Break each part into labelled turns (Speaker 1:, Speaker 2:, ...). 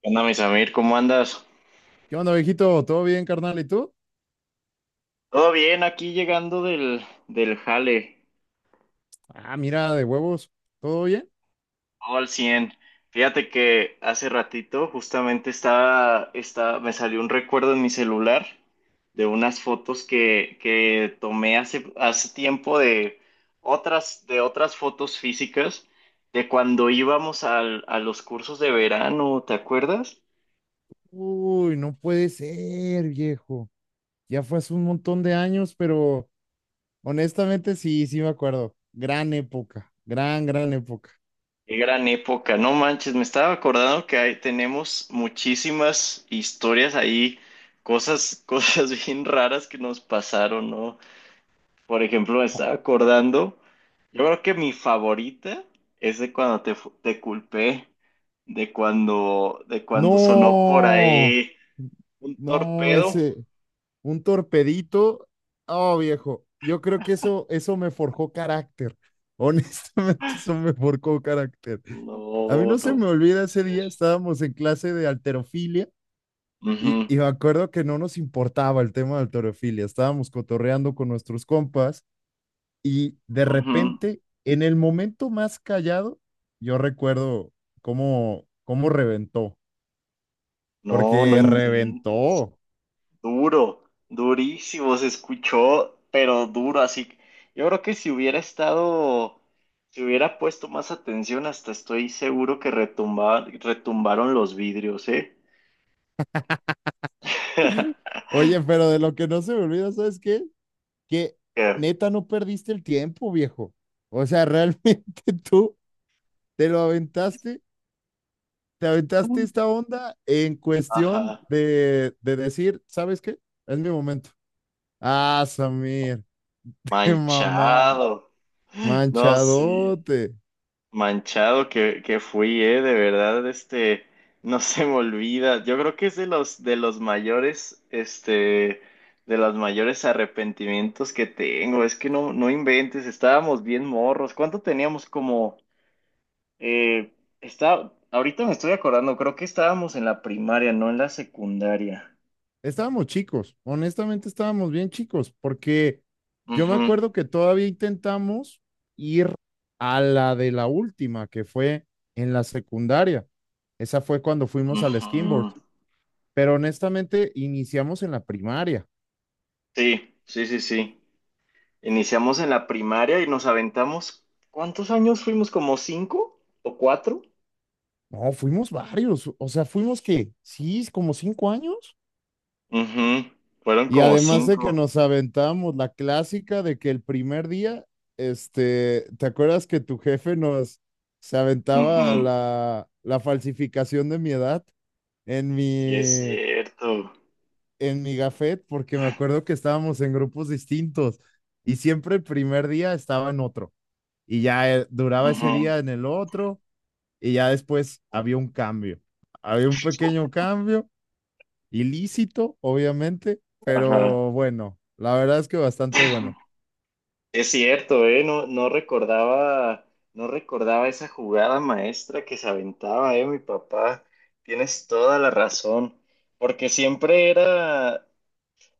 Speaker 1: ¿Qué onda, mi Samir? ¿Cómo andas?
Speaker 2: ¿Qué onda, viejito? ¿Todo bien, carnal? ¿Y tú?
Speaker 1: Todo bien, aquí llegando del jale,
Speaker 2: Ah, mira, de huevos. ¿Todo bien?
Speaker 1: todo al 100. Fíjate que hace ratito justamente me salió un recuerdo en mi celular de unas fotos que tomé hace tiempo de de otras fotos físicas de cuando a los cursos de verano, ¿te acuerdas?
Speaker 2: Uy, no puede ser, viejo. Ya fue hace un montón de años, pero honestamente sí me acuerdo. Gran época, gran época.
Speaker 1: Qué gran época, no manches, me estaba acordando que ahí tenemos muchísimas historias ahí, cosas bien raras que nos pasaron, ¿no? Por ejemplo, me estaba acordando, yo creo que mi favorita es de cuando te culpé, de cuando sonó por
Speaker 2: No,
Speaker 1: ahí un
Speaker 2: no,
Speaker 1: torpedo.
Speaker 2: ese, un torpedito. Oh, viejo, yo creo que eso me forjó carácter. Honestamente, eso me forjó carácter. A mí
Speaker 1: No,
Speaker 2: no
Speaker 1: no.
Speaker 2: se me olvida ese día, estábamos en clase de alterofilia. Y,
Speaker 1: Ujú,
Speaker 2: y me acuerdo que no nos importaba el tema del torofilia, estábamos cotorreando con nuestros compas y de
Speaker 1: ujú.
Speaker 2: repente, en el momento más callado, yo recuerdo cómo reventó,
Speaker 1: No, no
Speaker 2: porque
Speaker 1: inventes.
Speaker 2: reventó.
Speaker 1: Duro, durísimo, se escuchó, pero duro, así. Yo creo que si hubiera si hubiera puesto más atención, hasta estoy seguro que retumbaron los vidrios, ¿eh?
Speaker 2: Oye, pero de lo que no se me olvida, ¿sabes qué? Que
Speaker 1: Que-
Speaker 2: neta no perdiste el tiempo, viejo. O sea, realmente tú te lo aventaste, te aventaste esta onda en cuestión
Speaker 1: Ajá,
Speaker 2: de decir, ¿sabes qué? Es mi momento. Ah, Samir, qué mamá,
Speaker 1: manchado. No, sí.
Speaker 2: manchadote.
Speaker 1: Manchado que fui, de verdad, no se me olvida. Yo creo que es de los mayores, de los mayores arrepentimientos que tengo. Es que no, no inventes, estábamos bien morros. ¿Cuánto teníamos eh, ahorita me estoy acordando, creo que estábamos en la primaria, no en la secundaria.
Speaker 2: Estábamos chicos, honestamente estábamos bien chicos, porque yo me
Speaker 1: Ujú,
Speaker 2: acuerdo que todavía intentamos ir a la de la última, que fue en la secundaria. Esa fue cuando fuimos al skimboard,
Speaker 1: ujú.
Speaker 2: pero honestamente iniciamos en la primaria.
Speaker 1: Sí. Iniciamos en la primaria y nos aventamos, ¿cuántos años fuimos? ¿Como cinco o cuatro?
Speaker 2: No, fuimos varios, o sea, fuimos que, sí, como 5 años.
Speaker 1: Ujú. Fueron
Speaker 2: Y
Speaker 1: como
Speaker 2: además de que
Speaker 1: cinco.
Speaker 2: nos aventamos la clásica de que el primer día, este, ¿te acuerdas que tu jefe nos se aventaba
Speaker 1: Ujú.
Speaker 2: la, la falsificación de mi edad en
Speaker 1: Sí, es
Speaker 2: mi,
Speaker 1: cierto.
Speaker 2: en mi gafet? Porque me acuerdo que estábamos en grupos distintos y siempre el primer día estaba en otro y ya duraba ese
Speaker 1: Ujú.
Speaker 2: día en el otro y ya después había un cambio. Había un pequeño cambio ilícito, obviamente,
Speaker 1: Ajá.
Speaker 2: pero bueno, la verdad es que bastante bueno.
Speaker 1: Es cierto, ¿eh? No, no recordaba, no recordaba esa jugada maestra que se aventaba, ¿eh? Mi papá. Tienes toda la razón. Porque siempre era.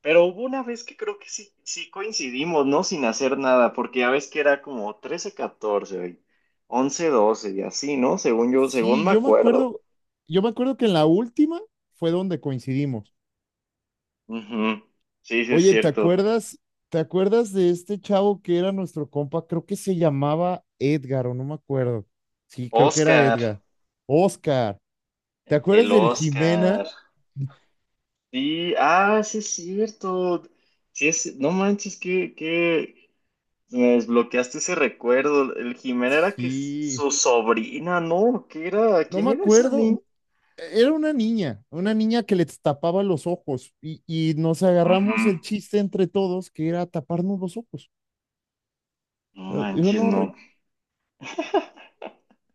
Speaker 1: Pero hubo una vez que creo que sí, sí coincidimos, ¿no? Sin hacer nada, porque ya ves que era como trece catorce once doce y así, ¿no? Según yo, según
Speaker 2: Sí,
Speaker 1: me acuerdo.
Speaker 2: yo me acuerdo que en la última fue donde coincidimos.
Speaker 1: Ujú. Sí, sí es
Speaker 2: Oye, ¿te
Speaker 1: cierto.
Speaker 2: acuerdas, te acuerdas de este chavo que era nuestro compa? Creo que se llamaba Edgar o no me acuerdo. Sí, creo que era
Speaker 1: Oscar,
Speaker 2: Edgar. Oscar, ¿te acuerdas
Speaker 1: el
Speaker 2: del Jimena?
Speaker 1: Oscar. Sí, ah, sí es cierto. Sí es, no manches, que me desbloqueaste ese recuerdo. El Jimena era
Speaker 2: Sí,
Speaker 1: su sobrina, ¿no? ¿Qué era?
Speaker 2: no
Speaker 1: ¿Quién
Speaker 2: me
Speaker 1: era esa
Speaker 2: acuerdo.
Speaker 1: niña?
Speaker 2: Era una niña que les tapaba los ojos y nos
Speaker 1: Ujú.
Speaker 2: agarramos el chiste entre todos que era taparnos los ojos.
Speaker 1: No
Speaker 2: Yo
Speaker 1: manches,
Speaker 2: no,
Speaker 1: no.
Speaker 2: rec-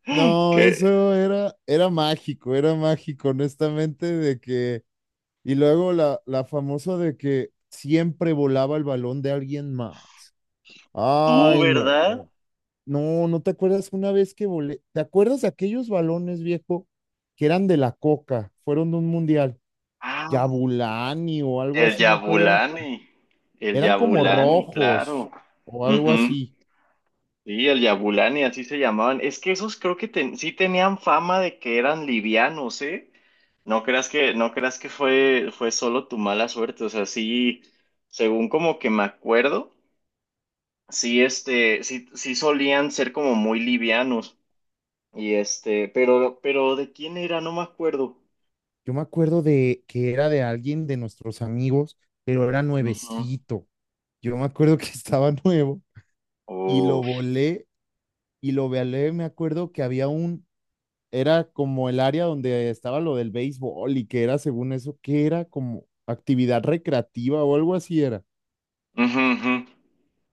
Speaker 2: No,
Speaker 1: Que
Speaker 2: eso era, era mágico, honestamente, de que, y luego la, la famosa de que siempre volaba el balón de alguien más.
Speaker 1: tú,
Speaker 2: Ay, no,
Speaker 1: ¿verdad?
Speaker 2: no, no te acuerdas una vez que volé, ¿te acuerdas de aquellos balones viejo que eran de la Coca, fueron de un mundial?
Speaker 1: Ah,
Speaker 2: Yabulani o algo
Speaker 1: el
Speaker 2: así, me acuerdo.
Speaker 1: Yabulani. El
Speaker 2: Eran como
Speaker 1: Yabulani, claro.
Speaker 2: rojos o algo
Speaker 1: Ujú.
Speaker 2: así.
Speaker 1: Sí, el Yabulani, así se llamaban. Es que esos creo que sí tenían fama de que eran livianos, ¿eh? No creas que fue solo tu mala suerte. O sea, sí, según como que me acuerdo, sí, sí solían ser como muy livianos. Y este, pero ¿de quién era? No me acuerdo.
Speaker 2: Yo me acuerdo de que era de alguien de nuestros amigos, pero era
Speaker 1: Ujú.
Speaker 2: nuevecito. Yo me acuerdo que estaba nuevo y lo
Speaker 1: Oh.
Speaker 2: volé y lo volé. Me acuerdo que había un, era como el área donde estaba lo del béisbol y que era según eso, que era como actividad recreativa o algo así era.
Speaker 1: Ujú, ujú.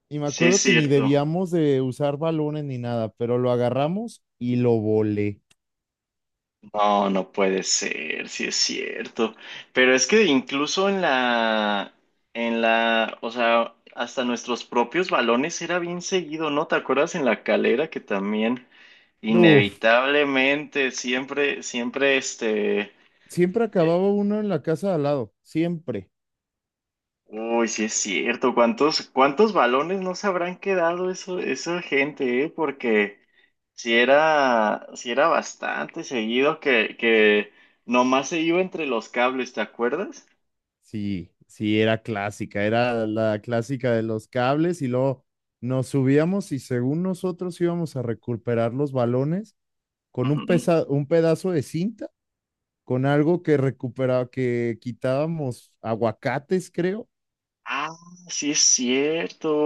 Speaker 2: Y me
Speaker 1: Sí, es
Speaker 2: acuerdo que ni
Speaker 1: cierto.
Speaker 2: debíamos de usar balones ni nada, pero lo agarramos y lo volé.
Speaker 1: No, no puede ser, sí es cierto. Pero es que incluso o sea, hasta nuestros propios balones era bien seguido, ¿no? ¿Te acuerdas en la calera que también
Speaker 2: No,
Speaker 1: inevitablemente siempre este,
Speaker 2: siempre
Speaker 1: eh,
Speaker 2: acababa uno en la casa de al lado, siempre.
Speaker 1: uy, sí es cierto. ¿Cuántos, cuántos balones no se habrán quedado eso, esa gente, eh? Porque si era bastante seguido que nomás se iba entre los cables, ¿te acuerdas?
Speaker 2: Sí, era clásica, era la clásica de los cables y luego nos subíamos y según nosotros íbamos a recuperar los balones con un,
Speaker 1: Ujú.
Speaker 2: pesa- un pedazo de cinta, con algo que recuperaba, que quitábamos aguacates, creo,
Speaker 1: Ah, sí es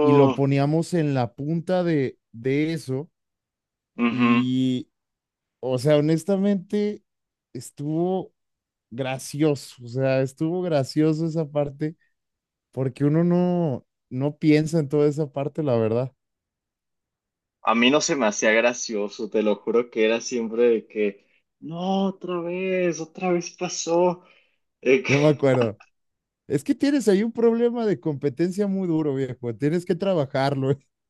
Speaker 2: y lo poníamos en la punta de eso
Speaker 1: Ujú.
Speaker 2: y, o sea, honestamente, estuvo gracioso, o sea, estuvo gracioso esa parte porque uno no, no piensa en toda esa parte, la verdad.
Speaker 1: A mí no se me hacía gracioso, te lo juro que era siempre de que, no, otra vez pasó. Eh, que-
Speaker 2: Yo me acuerdo. Es que tienes ahí un problema de competencia muy duro, viejo. Tienes que trabajarlo.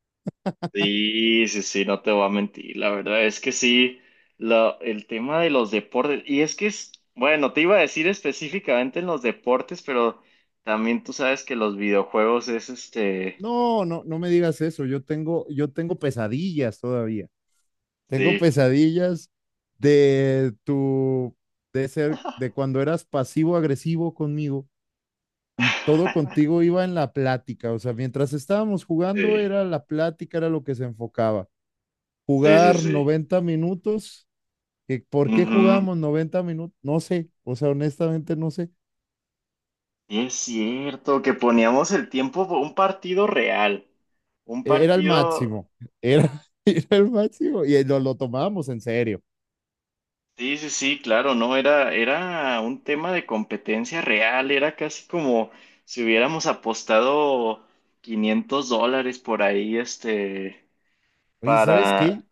Speaker 1: sí, no te voy a mentir, la verdad es que sí, el tema de los deportes, y es que es, bueno, te iba a decir específicamente en los deportes, pero también tú sabes que los videojuegos es este,
Speaker 2: No, no, no me digas eso. Yo tengo pesadillas todavía. Tengo
Speaker 1: sí.
Speaker 2: pesadillas de tu, de ser, de cuando eras pasivo-agresivo conmigo y todo contigo iba en la plática. O sea, mientras estábamos jugando
Speaker 1: Sí,
Speaker 2: era la plática, era lo que se enfocaba.
Speaker 1: sí,
Speaker 2: Jugar
Speaker 1: sí,
Speaker 2: 90 minutos, que
Speaker 1: sí.
Speaker 2: ¿por qué jugamos 90 minutos? No sé, o sea, honestamente no sé.
Speaker 1: Es cierto que poníamos el tiempo por un partido real, un
Speaker 2: Era el
Speaker 1: partido,
Speaker 2: máximo, era, era el máximo y lo tomábamos en serio.
Speaker 1: sí, claro, no, era un tema de competencia real, era casi como si hubiéramos apostado $500 por ahí, este,
Speaker 2: Oye, ¿sabes
Speaker 1: para,
Speaker 2: qué?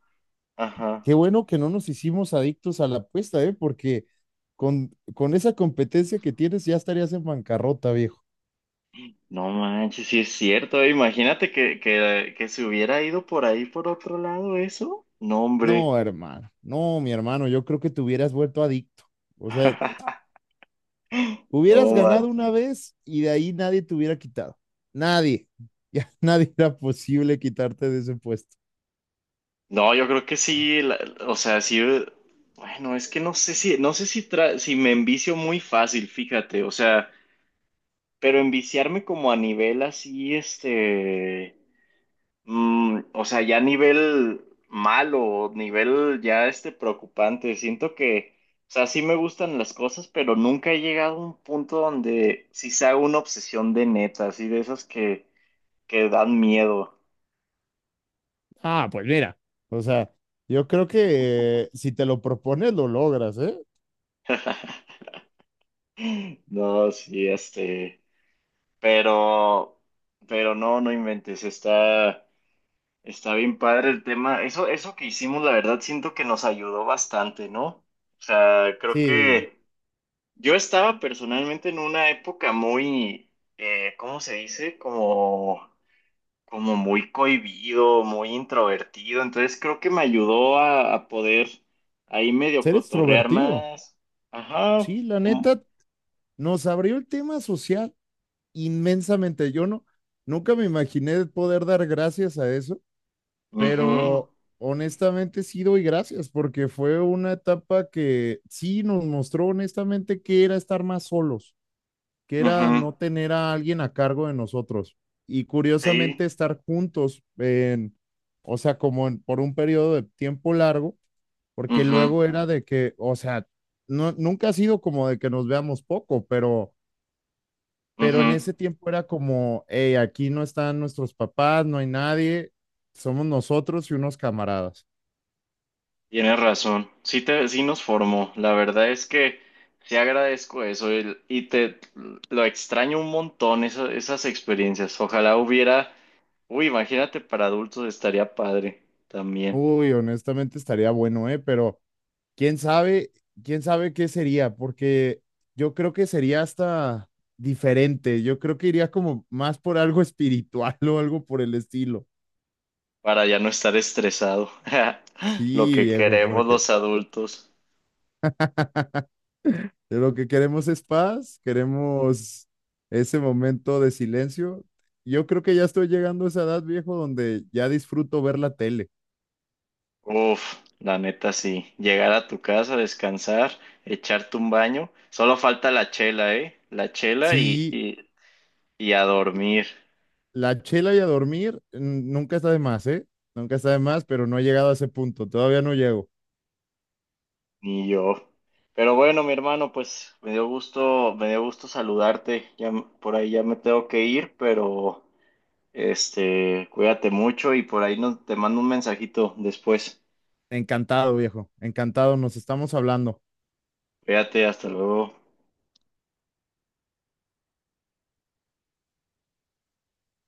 Speaker 1: ajá,
Speaker 2: Qué bueno que no nos hicimos adictos a la apuesta, ¿eh? Porque con esa competencia que tienes ya estarías en bancarrota, viejo.
Speaker 1: no manches, sí es cierto, imagínate que se hubiera ido por ahí por otro lado eso, no, hombre,
Speaker 2: No, hermano, no, mi hermano, yo creo que te hubieras vuelto adicto. O sea, hubieras
Speaker 1: no
Speaker 2: ganado
Speaker 1: manches.
Speaker 2: una vez y de ahí nadie te hubiera quitado. Nadie, ya nadie era posible quitarte de ese puesto.
Speaker 1: No, yo creo que sí, o sea, sí, bueno, es que no sé si, tra- si me envicio muy fácil, fíjate, o sea, pero enviciarme como a nivel así, este, mm, o sea, ya a nivel malo, nivel ya este preocupante, siento que, o sea, sí me gustan las cosas, pero nunca he llegado a un punto donde sí se haga una obsesión de neta, así de esas que dan miedo.
Speaker 2: Ah, pues mira. O sea, yo creo que si te lo propones, lo logras, ¿eh?
Speaker 1: No, sí, este. Pero, pero no, no inventes, está, está bien padre el tema. Eso que hicimos, la verdad, siento que nos ayudó bastante, ¿no? O sea, creo
Speaker 2: Sí,
Speaker 1: que yo estaba personalmente en una época muy, ¿cómo se dice? Como, como muy cohibido, muy introvertido. Entonces creo que me ayudó a poder ahí medio
Speaker 2: ser
Speaker 1: cotorrear
Speaker 2: extrovertido.
Speaker 1: más. Ajá,
Speaker 2: Sí, la
Speaker 1: como,
Speaker 2: neta, nos abrió el tema social inmensamente. Yo no, nunca me imaginé poder dar gracias a eso,
Speaker 1: mhm,
Speaker 2: pero honestamente sí doy gracias porque fue una etapa que sí nos mostró honestamente que era estar más solos, que era no
Speaker 1: mhm,
Speaker 2: tener a alguien a cargo de nosotros y curiosamente
Speaker 1: sí,
Speaker 2: estar juntos en, o sea, como en- por un periodo de tiempo largo, porque
Speaker 1: mhm,
Speaker 2: luego era de que, o sea, no, nunca ha sido como de que nos veamos poco, pero en
Speaker 1: mhm.
Speaker 2: ese tiempo era como, hey, aquí no están nuestros papás, no hay nadie, somos nosotros y unos camaradas.
Speaker 1: Tienes razón, sí, sí nos formó. La verdad es que sí agradezco eso y te lo extraño un montón esas experiencias. Ojalá hubiera, uy, imagínate para adultos estaría padre también,
Speaker 2: Uy, honestamente estaría bueno, ¿eh? Pero quién sabe, quién sabe qué sería, porque yo creo que sería hasta diferente. Yo creo que iría como más por algo espiritual o algo por el estilo.
Speaker 1: para ya no estar estresado. Lo
Speaker 2: Sí,
Speaker 1: que
Speaker 2: viejo,
Speaker 1: queremos
Speaker 2: porque
Speaker 1: los adultos.
Speaker 2: lo que queremos es paz, queremos ese momento de silencio. Yo creo que ya estoy llegando a esa edad, viejo, donde ya disfruto ver la tele.
Speaker 1: Uf, la neta sí. Llegar a tu casa, descansar, echarte un baño. Solo falta la chela, ¿eh? La chela y,
Speaker 2: Sí,
Speaker 1: y, y a dormir.
Speaker 2: la chela y a dormir. Mm, nunca está de más, ¿eh? Nunca está de más, pero no he llegado a ese punto, todavía no llego.
Speaker 1: Ni yo. Pero bueno, mi hermano, pues me dio gusto saludarte. Ya por ahí ya me tengo que ir, pero este, cuídate mucho y por ahí no, te mando un mensajito después.
Speaker 2: Encantado, viejo. Encantado. Nos estamos hablando.
Speaker 1: Cuídate, hasta luego.